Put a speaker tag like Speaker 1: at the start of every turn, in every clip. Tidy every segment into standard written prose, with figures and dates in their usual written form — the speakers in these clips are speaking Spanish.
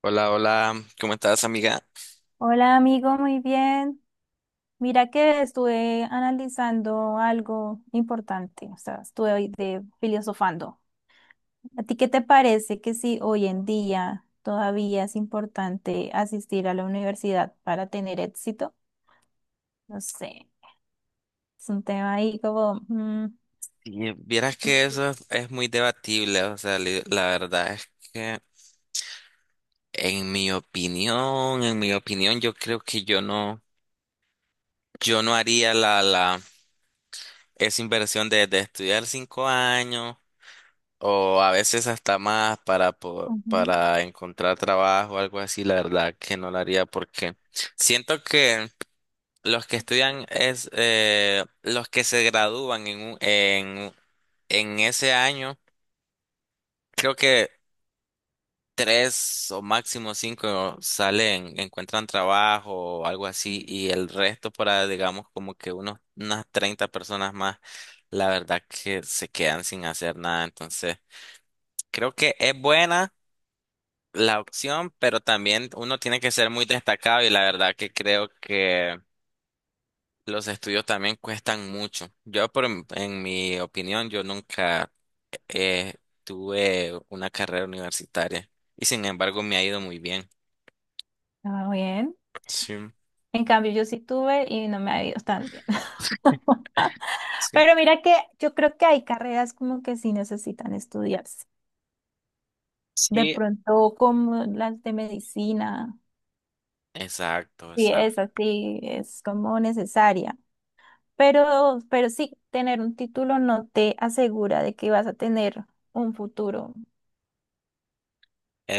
Speaker 1: Hola, hola, ¿cómo estás, amiga?
Speaker 2: Hola amigo, muy bien. Mira que estuve analizando algo importante, o sea, estuve hoy de filosofando. ¿A ti qué te parece que si hoy en día todavía es importante asistir a la universidad para tener éxito? No sé, es un tema ahí
Speaker 1: Y vieras que eso es muy debatible, o sea, la verdad es que en mi opinión, yo creo que yo no, yo no haría esa inversión de estudiar 5 años o a veces hasta más para,
Speaker 2: ujú,
Speaker 1: para encontrar trabajo o algo así, la verdad que no la haría porque siento que los que estudian es, los que se gradúan en ese año. Creo que tres o máximo cinco salen, encuentran trabajo o algo así, y el resto para, digamos, como que unas 30 personas más, la verdad que se quedan sin hacer nada. Entonces, creo que es buena la opción, pero también uno tiene que ser muy destacado y la verdad que creo que los estudios también cuestan mucho. Yo, por, en mi opinión, yo nunca eh, tuve una carrera universitaria y sin embargo me ha ido muy bien.
Speaker 2: ah, bien.
Speaker 1: Sí,
Speaker 2: En cambio, yo sí tuve y no me ha ido tan bien.
Speaker 1: sí,
Speaker 2: Pero mira que yo creo que hay carreras como que sí necesitan estudiarse. De
Speaker 1: sí,
Speaker 2: pronto, como las de medicina,
Speaker 1: exacto,
Speaker 2: sí
Speaker 1: exacto,
Speaker 2: es así, es como necesaria. Pero sí, tener un título no te asegura de que vas a tener un futuro.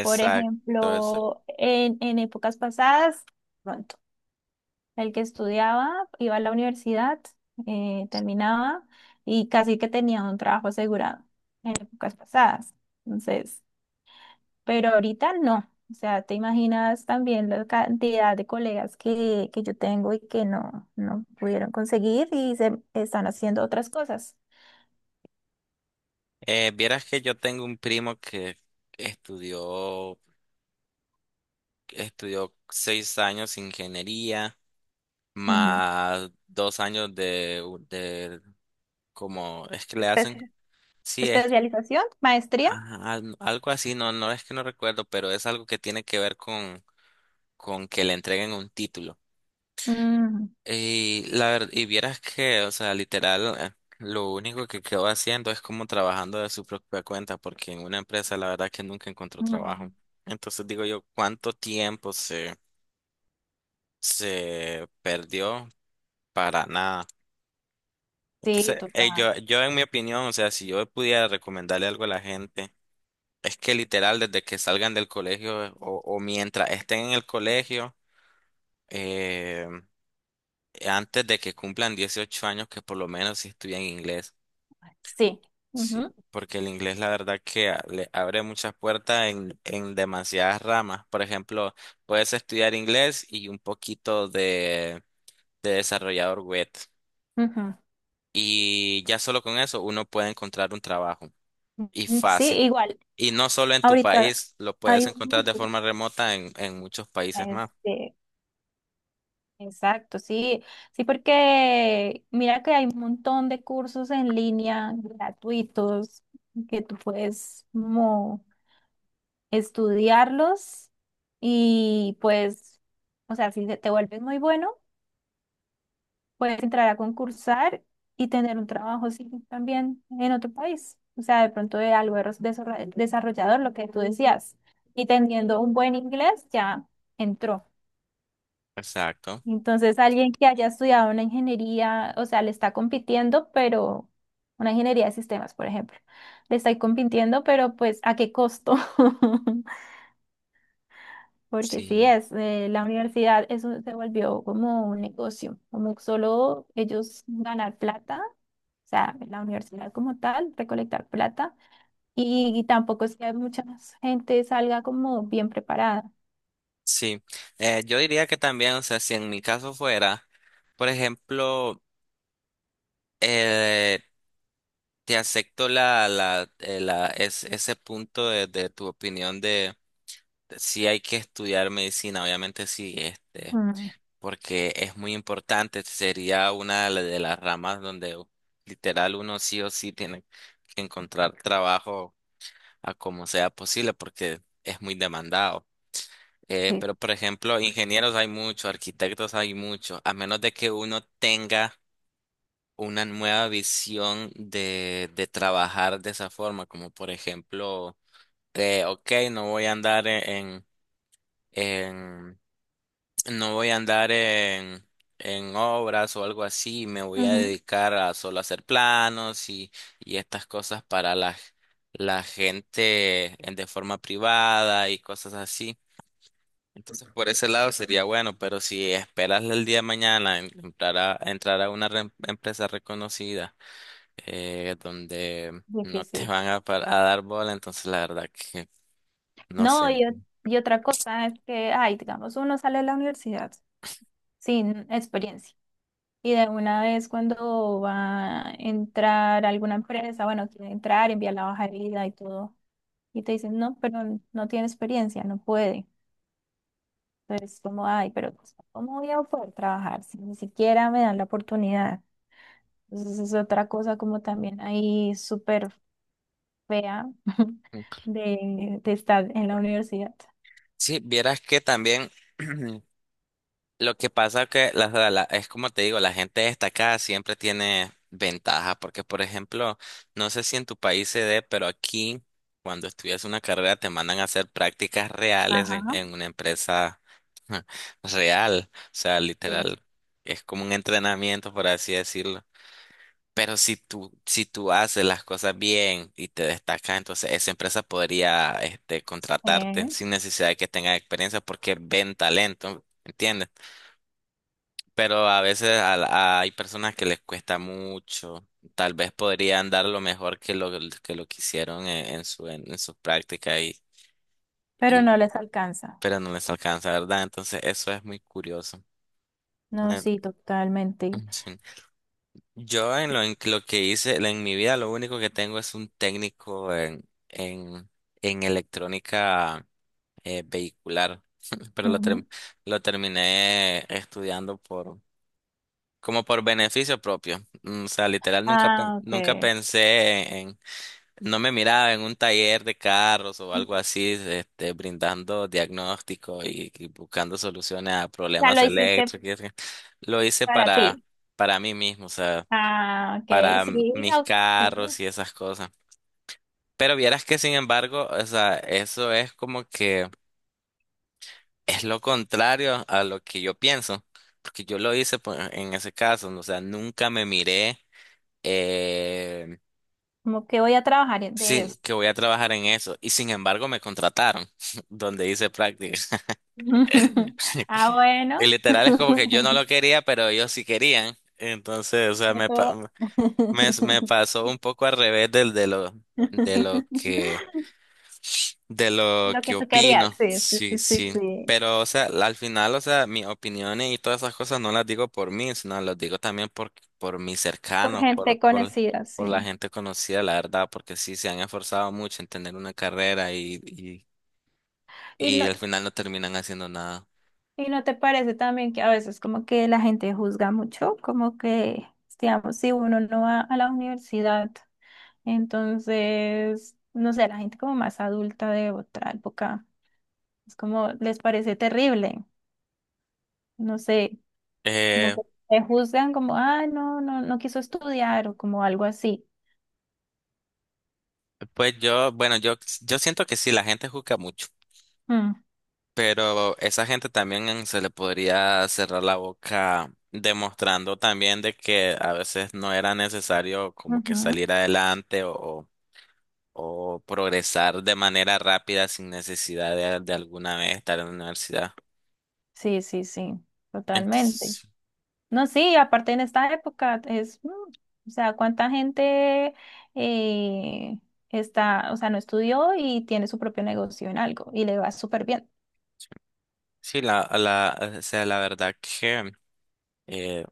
Speaker 2: Por
Speaker 1: exacto.
Speaker 2: ejemplo, en épocas pasadas, pronto, el que estudiaba iba a la universidad, terminaba y casi que tenía un trabajo asegurado en épocas pasadas. Entonces, pero ahorita no. O sea, te imaginas también la cantidad de colegas que yo tengo y que no, no pudieron conseguir y se están haciendo otras cosas.
Speaker 1: Vieras que yo tengo un primo que estudió, estudió 6 años ingeniería,
Speaker 2: Ujú.
Speaker 1: más 2 años de, de como, es que le hacen,
Speaker 2: Especia-
Speaker 1: sí, es
Speaker 2: especialización, maestría.
Speaker 1: ajá, algo así, no, no es que no recuerdo, pero es algo que tiene que ver con que le entreguen un título.
Speaker 2: Ujú,
Speaker 1: Y la verdad, y vieras que, o sea, literal, lo único que quedó haciendo es como trabajando de su propia cuenta, porque en una empresa la verdad que nunca encontró
Speaker 2: ujú.
Speaker 1: trabajo. Entonces digo yo, ¿cuánto tiempo se, se perdió para nada?
Speaker 2: Sí,
Speaker 1: Entonces,
Speaker 2: total.
Speaker 1: yo, yo en mi opinión, o sea, si yo pudiera recomendarle algo a la gente, es que literal desde que salgan del colegio o mientras estén en el colegio, eh, antes de que cumplan 18 años, que por lo menos si estudian inglés.
Speaker 2: Sí.
Speaker 1: Sí,
Speaker 2: Ujú,
Speaker 1: porque el inglés la verdad que le abre muchas puertas en demasiadas ramas. Por ejemplo, puedes estudiar inglés y un poquito de desarrollador web.
Speaker 2: ujú.
Speaker 1: Y ya solo con eso uno puede encontrar un trabajo y
Speaker 2: Mm, sí,
Speaker 1: fácil.
Speaker 2: igual.
Speaker 1: Y no solo en tu
Speaker 2: Ahorita
Speaker 1: país, lo puedes
Speaker 2: hay
Speaker 1: encontrar de
Speaker 2: muchos.
Speaker 1: forma remota en muchos países más.
Speaker 2: Este, exacto, sí, sí, porque mira que hay un montón de cursos en línea gratuitos que tú puedes como estudiarlos y pues, o sea, si te vuelves muy bueno, puedes entrar a concursar y tener un trabajo sí, también en otro país. O sea, de pronto de algo de desarro- desarrollador, lo que tú decías, y teniendo un buen inglés ya entró.
Speaker 1: Exacto.
Speaker 2: Entonces, alguien que haya estudiado una ingeniería, o sea, le está compitiendo, pero una ingeniería de sistemas, por ejemplo, le está compitiendo, pero pues ¿a qué costo? Porque sí
Speaker 1: Sí.
Speaker 2: es, la universidad eso se volvió como un negocio, como solo ellos ganar plata, o sea, la universidad como tal, recolectar plata, y tampoco es que mucha gente salga como bien preparada.
Speaker 1: Sí. Yo diría que también, o sea, si en mi caso fuera, por ejemplo, eh, te acepto es, ese punto de tu opinión de si hay que estudiar medicina, obviamente sí, este,
Speaker 2: Mm,
Speaker 1: porque es muy importante, sería una de de las ramas donde literal uno sí o sí tiene que encontrar trabajo a como sea posible, porque es muy demandado.
Speaker 2: sí.
Speaker 1: Pero por ejemplo, ingenieros hay muchos, arquitectos hay muchos, a menos de que uno tenga una nueva visión de trabajar de esa forma, como por ejemplo, de, ok, no voy a andar en, no voy a andar en obras o algo así, me voy a
Speaker 2: Ujú.
Speaker 1: dedicar a solo hacer planos y estas cosas para la, la gente de forma privada y cosas así. Entonces, por ese lado sería bueno, pero si esperas el día de mañana entrar a una empresa reconocida donde no te
Speaker 2: Difícil.
Speaker 1: van a, a dar bola, entonces la verdad que no
Speaker 2: No,
Speaker 1: sé.
Speaker 2: y, ot- y otra cosa es que, ay, digamos, uno sale de la universidad sin experiencia. Y de una vez cuando va a entrar a alguna empresa, bueno, quiere entrar, envía la hoja de vida y todo. Y te dicen, no, pero no tiene experiencia, no puede. Entonces, como, ay, pero pues, ¿cómo voy a poder trabajar si ni siquiera me dan la oportunidad? Entonces, es otra cosa como también ahí súper fea de estar en la universidad.
Speaker 1: Sí, vieras que también lo que pasa que es como te digo, la gente destacada siempre tiene ventaja, porque por ejemplo, no sé si en tu país se dé, pero aquí cuando estudias una carrera te mandan a hacer prácticas reales
Speaker 2: Ajá.
Speaker 1: en una empresa real, o sea,
Speaker 2: Sí.
Speaker 1: literal, es como un entrenamiento, por así decirlo. Pero si tú haces las cosas bien y te destacas, entonces esa empresa podría, este, contratarte
Speaker 2: Sí.
Speaker 1: sin necesidad de que tengas experiencia porque ven talento, ¿entiendes? Pero a veces hay personas que les cuesta mucho. Tal vez podrían dar lo mejor que lo que hicieron en, su práctica
Speaker 2: Pero no
Speaker 1: y
Speaker 2: les alcanza.
Speaker 1: pero no les alcanza, ¿verdad? Entonces eso es muy curioso.
Speaker 2: No,
Speaker 1: Eh,
Speaker 2: sí, totalmente.
Speaker 1: sí. Yo en lo que hice, en mi vida, lo único que tengo es un técnico en, en electrónica vehicular, pero lo,
Speaker 2: Ujú.
Speaker 1: lo terminé estudiando por, como por beneficio propio. O sea, literal, nunca,
Speaker 2: Ah,
Speaker 1: nunca
Speaker 2: ok.
Speaker 1: pensé en, no me miraba en un taller de carros o algo así, este, brindando diagnóstico y buscando soluciones a
Speaker 2: Ya
Speaker 1: problemas
Speaker 2: lo hiciste
Speaker 1: eléctricos. Lo hice
Speaker 2: para ti.
Speaker 1: para mí mismo, o sea
Speaker 2: Ah, ok.
Speaker 1: para
Speaker 2: Sí,
Speaker 1: mis
Speaker 2: ok.
Speaker 1: carros y esas cosas. Pero vieras que sin embargo, o sea, eso es como que es lo contrario a lo que yo pienso, porque yo lo hice pues en ese caso, ¿no? O sea, nunca me miré eh,
Speaker 2: Como que voy a trabajar de
Speaker 1: sin
Speaker 2: eso.
Speaker 1: que voy a trabajar en eso y sin embargo me contrataron donde hice prácticas.
Speaker 2: Ah,
Speaker 1: Y
Speaker 2: bueno.
Speaker 1: literal es como que yo no lo quería, pero ellos sí querían. Entonces, o sea, me,
Speaker 2: Eso-
Speaker 1: me, me pasó un poco al revés del, de lo, de lo que de lo
Speaker 2: Lo
Speaker 1: que
Speaker 2: que tú querías.
Speaker 1: opino,
Speaker 2: Sí, sí,
Speaker 1: sí,
Speaker 2: sí, sí,
Speaker 1: sí.
Speaker 2: sí.
Speaker 1: Pero, o sea, al final, o sea, mis opiniones y todas esas cosas no las digo por mí, sino las digo también por mis
Speaker 2: Por
Speaker 1: cercanos,
Speaker 2: gente conocida,
Speaker 1: por la
Speaker 2: sí.
Speaker 1: gente conocida, la verdad, porque sí se han esforzado mucho en tener una carrera
Speaker 2: Y
Speaker 1: y
Speaker 2: no,
Speaker 1: al final no terminan haciendo nada.
Speaker 2: ¿y no te parece también que a veces como que la gente juzga mucho? Como que, digamos, si uno no va a la universidad, entonces, no sé, la gente como más adulta de otra época, es como les parece terrible, no sé, como
Speaker 1: Eh,
Speaker 2: que te juzgan como, ah, no, no, no quiso estudiar o como algo así.
Speaker 1: pues yo, bueno, yo siento que sí, la gente juzga mucho.
Speaker 2: Mm,
Speaker 1: Pero esa gente también se le podría cerrar la boca demostrando también de que a veces no era necesario como que
Speaker 2: ujú.
Speaker 1: salir adelante o, o progresar de manera rápida sin necesidad de alguna vez estar en la universidad.
Speaker 2: Sí, sí, sí, totalmente.
Speaker 1: Entonces,
Speaker 2: No, sí, aparte en esta época es, o sea, cuánta gente eh, está, o sea, no estudió y tiene su propio negocio en algo y le va súper bien.
Speaker 1: sí, la, o sea, la verdad que eh,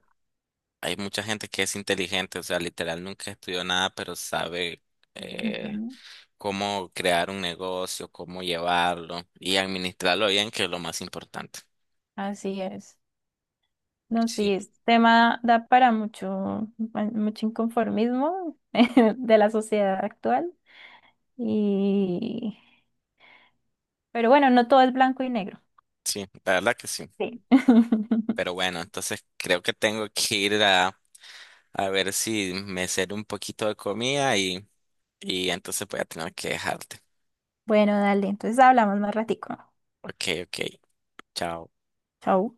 Speaker 1: hay mucha gente que es inteligente, o sea, literal nunca estudió nada, pero sabe eh,
Speaker 2: Ujú.
Speaker 1: cómo crear un negocio, cómo llevarlo y administrarlo bien, que es lo más importante.
Speaker 2: Así es. No, sí,
Speaker 1: Sí,
Speaker 2: este tema da para mucho, pa- mucho inconformismo de la sociedad actual. Y, pero bueno, no todo es blanco y negro.
Speaker 1: sí, la verdad que sí.
Speaker 2: Sí.
Speaker 1: Pero bueno, entonces creo que tengo que ir a ver si me sirve un poquito de comida y entonces voy a tener que dejarte.
Speaker 2: Bueno, dale, entonces hablamos más ratico.
Speaker 1: Ok, ok, chao.
Speaker 2: Chau.